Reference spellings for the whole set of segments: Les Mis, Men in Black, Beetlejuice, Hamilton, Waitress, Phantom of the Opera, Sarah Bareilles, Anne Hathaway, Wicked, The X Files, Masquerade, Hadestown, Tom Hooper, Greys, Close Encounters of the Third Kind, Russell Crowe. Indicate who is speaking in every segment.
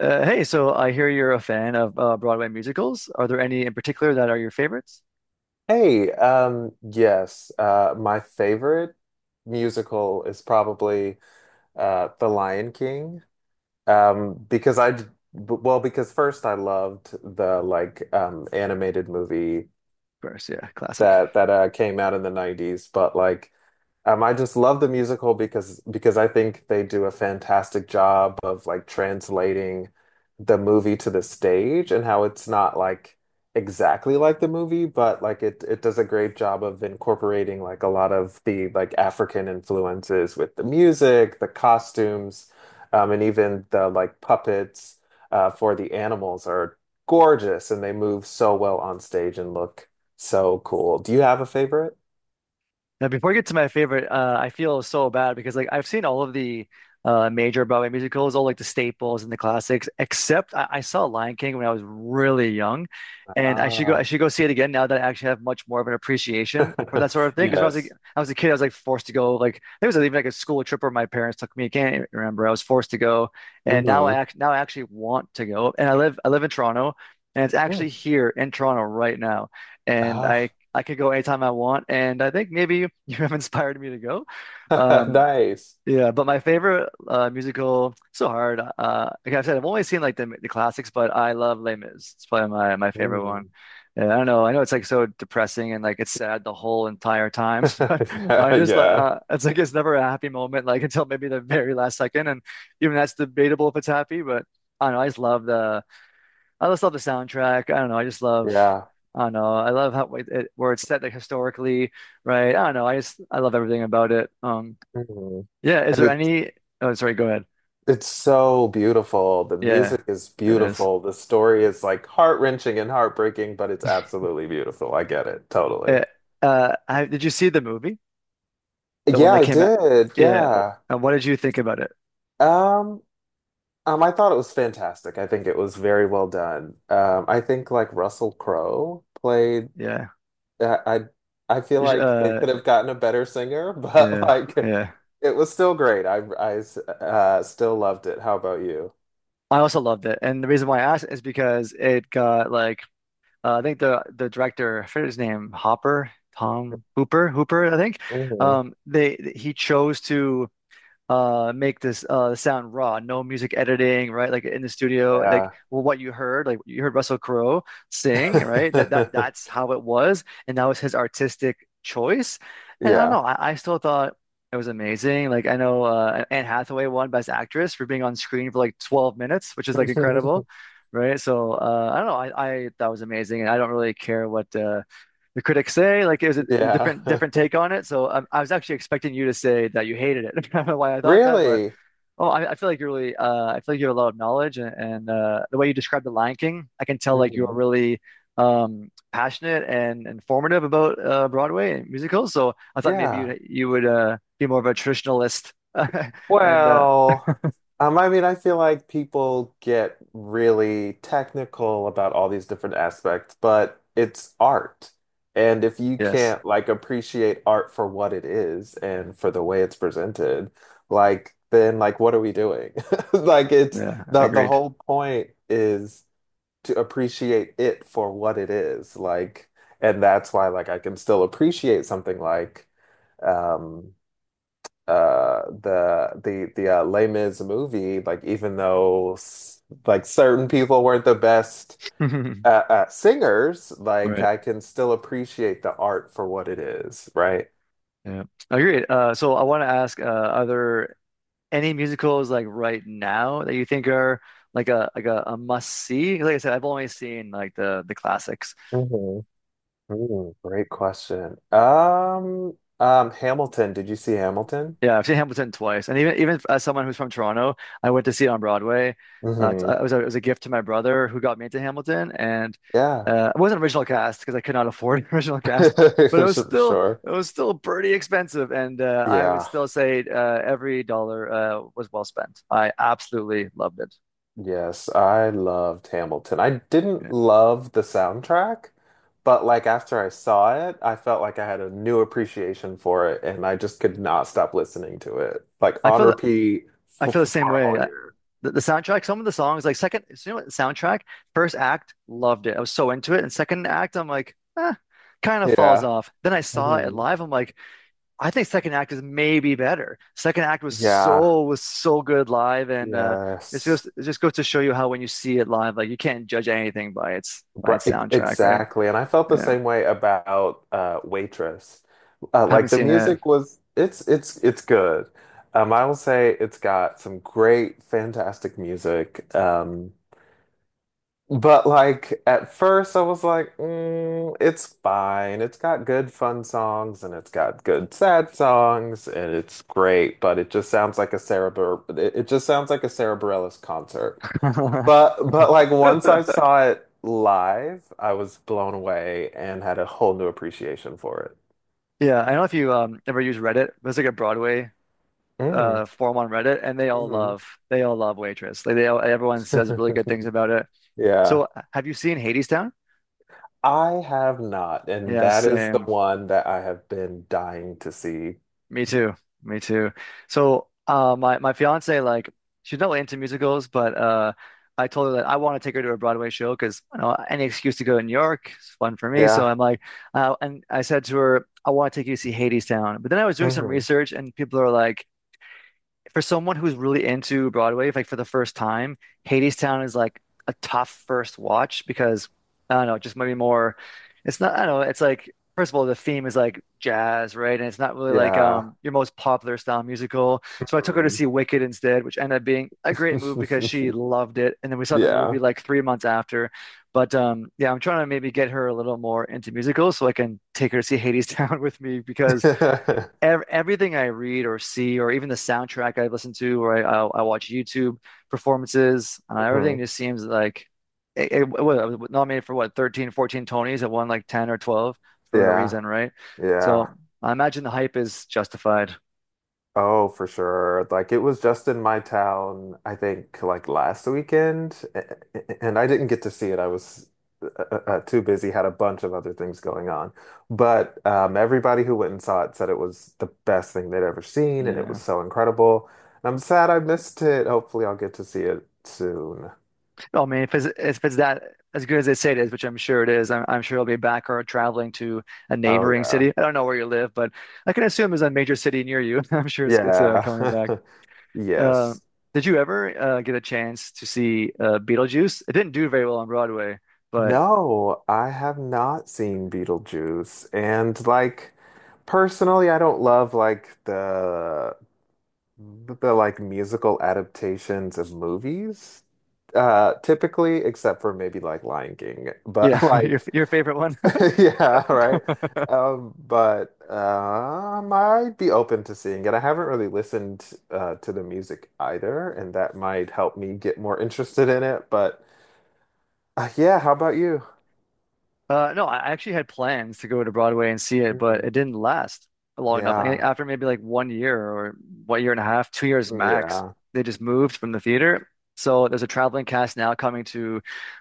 Speaker 1: Hey, so I hear you're a fan of Broadway musicals. Are there any in particular that are your favorites?
Speaker 2: Hey, yes, my favorite musical is probably The Lion King, um, because I, b- because first I loved the like animated movie
Speaker 1: Of course, yeah, classic.
Speaker 2: that came out in the '90s, but I just love the musical because I think they do a fantastic job of like translating the movie to the stage and how it's not like exactly like the movie, but like it does a great job of incorporating like a lot of the like African influences with the music, the costumes, and even the like puppets for the animals are gorgeous and they move so well on stage and look so cool. Do you have a favorite?
Speaker 1: Now, before I get to my favorite, I feel so bad because like I've seen all of the major Broadway musicals, all like the staples and the classics, except I saw Lion King when I was really young, and I should go.
Speaker 2: Ah.
Speaker 1: I should go see it again now that I actually have much more of an appreciation for that sort of thing. Because when I was like,
Speaker 2: Yes.
Speaker 1: I was a kid, I was like forced to go. Like there was even like a school trip where my parents took me. I can't remember. I was forced to go, and now I
Speaker 2: Hmm.
Speaker 1: act now I actually want to go. And I live in Toronto, and it's
Speaker 2: Yeah.
Speaker 1: actually here in Toronto right now. And I
Speaker 2: Ah,
Speaker 1: I could go anytime I want, and I think maybe you have inspired me to go. Um,
Speaker 2: nice.
Speaker 1: yeah, but my favorite musical, so hard. Like I said, I've only seen like the classics, but I love Les Mis. It's probably my favorite one.
Speaker 2: Mm.
Speaker 1: Yeah, I don't know. I know it's like so depressing and like it's sad the whole entire time, but I
Speaker 2: Yeah,
Speaker 1: just like
Speaker 2: yeah,
Speaker 1: it's like it's never a happy moment, like until maybe the very last second, and even that's debatable if it's happy. But I don't know. I just love the soundtrack. I don't know.
Speaker 2: yeah.
Speaker 1: I don't know. I love how where it's set like historically, right? I don't know. I love everything about it.
Speaker 2: Mhm.
Speaker 1: Yeah. Is
Speaker 2: And
Speaker 1: there
Speaker 2: it's
Speaker 1: any? Oh, sorry. Go ahead.
Speaker 2: it's so beautiful. The
Speaker 1: Yeah,
Speaker 2: music is
Speaker 1: it is.
Speaker 2: beautiful. The story is like heart-wrenching and heartbreaking, but it's absolutely beautiful. I get it totally.
Speaker 1: Eh, did you see the movie? The one
Speaker 2: Yeah,
Speaker 1: that
Speaker 2: I
Speaker 1: came out?
Speaker 2: did.
Speaker 1: Yeah.
Speaker 2: Yeah.
Speaker 1: And what did you think about it?
Speaker 2: Um, I thought it was fantastic. I think it was very well done. I think like Russell Crowe played
Speaker 1: Yeah.
Speaker 2: I I I feel
Speaker 1: You should-
Speaker 2: like they
Speaker 1: Uh,
Speaker 2: could have gotten a better singer, but
Speaker 1: yeah,
Speaker 2: like
Speaker 1: yeah.
Speaker 2: it was still great. I still loved it. How about you?
Speaker 1: I also loved it, and the reason why I asked is because it got like. I think the director, I forget his name, Hopper, Tom Hooper, Hooper, I think.
Speaker 2: Hmm.
Speaker 1: They He chose to make this sound raw, no music editing, right? Like in the studio, like,
Speaker 2: Yeah.
Speaker 1: well, what you heard, like, you heard Russell Crowe sing, right? That's how it was, and that was his artistic choice. And I don't
Speaker 2: Yeah.
Speaker 1: know, I still thought it was amazing. Like, I know Anne Hathaway won Best Actress for being on screen for like 12 minutes, which is like incredible, right? So I don't know, I that was amazing, and I don't really care what the critics say. Like it was a
Speaker 2: Yeah.
Speaker 1: different take on it. So I was actually expecting you to say that you hated it. I don't know why I thought that, but
Speaker 2: Really?
Speaker 1: oh, I feel like you're really, I feel like you have a lot of knowledge, and the way you described The Lion King, I can tell like you're
Speaker 2: Mhm.
Speaker 1: really passionate and informative about Broadway and musicals. So I thought maybe
Speaker 2: Yeah.
Speaker 1: you would be more of a traditionalist. And
Speaker 2: Well, I mean, I feel like people get really technical about all these different aspects, but it's art. And if you
Speaker 1: Yes.
Speaker 2: can't like appreciate art for what it is and for the way it's presented, like then like what are we doing? Like it's
Speaker 1: Yeah,
Speaker 2: the the
Speaker 1: agreed.
Speaker 2: whole point is to appreciate it for what it is. Like and that's why like I can still appreciate something like um the Les Mis movie like even though like certain people weren't the best singers like
Speaker 1: Right.
Speaker 2: I can still appreciate the art for what it is, right?
Speaker 1: Yeah. Agreed. So I want to ask other any musicals like right now that you think are like a must see? Like I said, I've only seen like the classics.
Speaker 2: Mhm. Mm, great question. Hamilton, did you see Hamilton?
Speaker 1: Yeah, I've seen Hamilton twice, and even as someone who's from Toronto, I went to see it on Broadway.
Speaker 2: Hmm.
Speaker 1: It was a gift to my brother who got me into Hamilton, and
Speaker 2: Yeah.
Speaker 1: it wasn't original cast because I could not afford original cast, but it was
Speaker 2: Sure,
Speaker 1: still
Speaker 2: sure.
Speaker 1: it was still pretty expensive, and I would
Speaker 2: Yeah.
Speaker 1: still say every dollar was well spent. I absolutely loved it.
Speaker 2: Yes, I loved Hamilton. I didn't
Speaker 1: Yeah.
Speaker 2: love the soundtrack, but like after I saw it, I felt like I had a new appreciation for it and I just could not stop listening to it. Like
Speaker 1: I
Speaker 2: on
Speaker 1: feel
Speaker 2: repeat
Speaker 1: I feel the same
Speaker 2: for a
Speaker 1: way.
Speaker 2: whole year.
Speaker 1: The soundtrack, some of the songs, like second, so you know what, soundtrack, first act, loved it. I was so into it. And second act, I'm like, eh, kind of falls
Speaker 2: Yeah.
Speaker 1: off. Then I saw it
Speaker 2: Mhm.
Speaker 1: live. I'm like, I think second act is maybe better. Second act was
Speaker 2: Yeah.
Speaker 1: so was so good live, and it's
Speaker 2: Yes.
Speaker 1: just it just goes to show you how when you see it live, like you can't judge anything by
Speaker 2: Right,
Speaker 1: its soundtrack, right?
Speaker 2: exactly. And I felt the
Speaker 1: Yeah,
Speaker 2: same way about Waitress. Uh,
Speaker 1: haven't
Speaker 2: like the
Speaker 1: seen it.
Speaker 2: music was it's good. Um, I will say it's got some great fantastic music. Um, but like at first I was like, mm, it's fine. It's got good fun songs and it's got good sad songs and it's great, but it just sounds like a Sarah Bar it, just sounds like a Sarah Bareilles concert. But like once I saw it live, I was blown away and had a whole new appreciation for it.
Speaker 1: Yeah, I don't know if you ever use Reddit, but it's like a Broadway
Speaker 2: Mm.
Speaker 1: forum on Reddit, and
Speaker 2: Mhm.
Speaker 1: they all love Waitress. Like everyone says really good things about it.
Speaker 2: Yeah.
Speaker 1: So have you seen Hadestown?
Speaker 2: I have not, and
Speaker 1: Yeah,
Speaker 2: that is the
Speaker 1: same.
Speaker 2: one that I have been dying to see.
Speaker 1: Me too. Me too. So my fiance, like, she's not really into musicals, but I told her that I want to take her to a Broadway show because, you know, any excuse to go to New York is fun for me. So
Speaker 2: Yeah.
Speaker 1: I'm like, and I said to her, I want to take you to see Hadestown. But then I was doing some
Speaker 2: Hmm.
Speaker 1: research, and people are like, for someone who's really into Broadway, like for the first time, Hadestown is like a tough first watch because I don't know, just maybe more. It's not. I don't know. It's like, first of all, the theme is like jazz, right? And it's not really like
Speaker 2: Yeah.
Speaker 1: your most popular style musical. So I took her to
Speaker 2: Mhm.
Speaker 1: see Wicked instead, which ended up being a great move because she loved it. And then we saw the movie
Speaker 2: Yeah.
Speaker 1: like 3 months after. But yeah, I'm trying to maybe get her a little more into musicals so I can take her to see Hadestown with me because ev everything I read or see, or even the soundtrack I listen to, or I watch YouTube performances, everything
Speaker 2: Mhm.
Speaker 1: just seems like it was nominated for what, 13, 14 Tonys. It won like 10 or 12 for a
Speaker 2: Yeah.
Speaker 1: reason, right? So
Speaker 2: Yeah.
Speaker 1: I imagine the hype is justified.
Speaker 2: Oh, for sure. Like it was just in my town, I think, like last weekend, and I didn't get to see it. I was uh, too busy, had a bunch of other things going on. But everybody who went and saw it said it was the best thing they'd ever seen, and it was
Speaker 1: Yeah.
Speaker 2: so incredible. And I'm sad I missed it. Hopefully, I'll get to see it soon.
Speaker 1: Oh, I mean, if it's that as good as they say it is, which I'm sure it is, I'm sure it'll be back or traveling to a
Speaker 2: Oh
Speaker 1: neighboring
Speaker 2: yeah.
Speaker 1: city. I don't know where you live, but I can assume it's a major city near you. I'm sure it's
Speaker 2: Yeah.
Speaker 1: coming back. Uh,
Speaker 2: Yes.
Speaker 1: did you ever get a chance to see Beetlejuice? It didn't do very well on Broadway, but
Speaker 2: No, I have not seen Beetlejuice. And like personally, I don't love like the like musical adaptations of movies typically except for maybe like Lion King.
Speaker 1: yeah,
Speaker 2: But
Speaker 1: your
Speaker 2: like
Speaker 1: your favorite.
Speaker 2: yeah, right. Um, but I might be open to seeing it. I haven't really listened to the music either, and that might help me get more interested in it, but yeah, how about you?
Speaker 1: No, I actually had plans to go to Broadway and see it, but
Speaker 2: Mhm.
Speaker 1: it didn't last long enough. I think
Speaker 2: Yeah.
Speaker 1: after maybe like 1 year or what, year and a half, 2 years max,
Speaker 2: Yeah.
Speaker 1: they just moved from the theater. So there's a traveling cast now coming to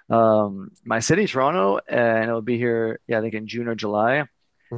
Speaker 1: my city, Toronto, and it'll be here, yeah, I think in June or July. And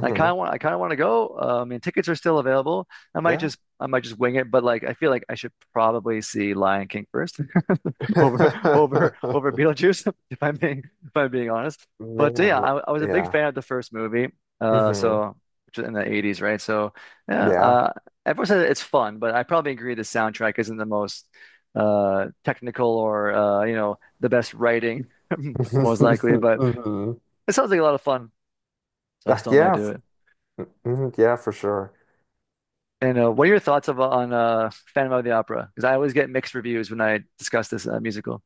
Speaker 1: I kind of want to go. I mean, tickets are still available.
Speaker 2: Yeah.
Speaker 1: I might just wing it, but like, I feel like I should probably see Lion King first over, over Beetlejuice, if I'm being honest. But
Speaker 2: Man,
Speaker 1: yeah, I, I was a big
Speaker 2: yeah.
Speaker 1: fan of the first movie,
Speaker 2: Hmm.
Speaker 1: so which was in the '80s, right? So yeah,
Speaker 2: Yeah.
Speaker 1: everyone says it's fun, but I probably agree the soundtrack isn't the most technical, or you know, the best writing, most likely. But
Speaker 2: Hmm.
Speaker 1: it sounds like a lot of fun, so I still might
Speaker 2: Yeah,
Speaker 1: do
Speaker 2: f
Speaker 1: it.
Speaker 2: mhm, yeah, for sure.
Speaker 1: And what are your thoughts on Phantom of the Opera? Because I always get mixed reviews when I discuss this musical.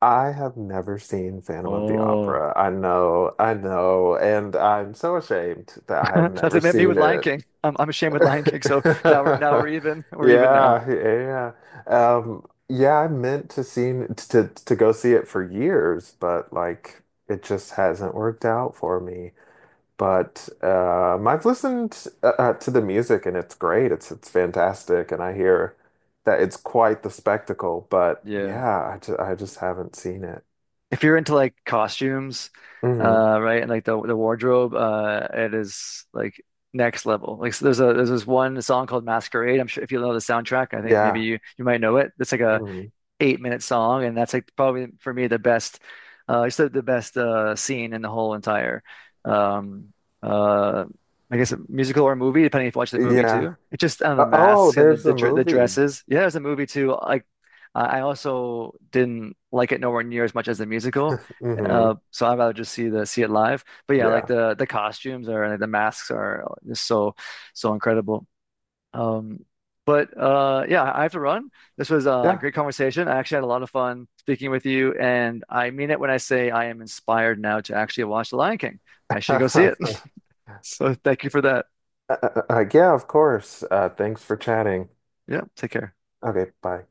Speaker 2: I have never seen Phantom of the
Speaker 1: Oh,
Speaker 2: Opera. I know, and I'm so ashamed that I have
Speaker 1: that's
Speaker 2: never
Speaker 1: it. Me with
Speaker 2: seen
Speaker 1: Lion
Speaker 2: it.
Speaker 1: King. I'm ashamed with Lion King. So now we're even. We're even now.
Speaker 2: Yeah, yeah. Yeah, I meant to go see it for years, but like it just hasn't worked out for me. But I've listened to the music and it's great. It's fantastic, and I hear that it's quite the spectacle. But yeah, I just haven't seen it.
Speaker 1: If you're into like costumes,
Speaker 2: Hmm.
Speaker 1: right, and like the wardrobe, it is like next level. Like, so there's this one song called Masquerade. I'm sure if you know the soundtrack, I think maybe
Speaker 2: Yeah.
Speaker 1: you might know it. It's like a
Speaker 2: Hmm.
Speaker 1: 8 minute song, and that's like probably for me the best, it's the best scene in the whole entire, um, uh, I guess, a musical or movie, depending if you watch the movie
Speaker 2: Yeah.
Speaker 1: too. It's just on the
Speaker 2: Oh,
Speaker 1: masks and
Speaker 2: there's a
Speaker 1: the
Speaker 2: movie.
Speaker 1: dresses. Yeah, there's a movie too. Like I also didn't like it nowhere near as much as the musical.
Speaker 2: Hmm.
Speaker 1: So I'd rather just see it live. But yeah, like
Speaker 2: Yeah.
Speaker 1: the costumes or the masks are just so incredible. Um, but Yeah, I have to run. This was a
Speaker 2: Yeah.
Speaker 1: great conversation. I actually had a lot of fun speaking with you, and I mean it when I say I am inspired now to actually watch The Lion King. I should go see it. So thank you for that.
Speaker 2: Yeah, of course. Thanks for chatting.
Speaker 1: Yeah, take care.
Speaker 2: Okay, bye.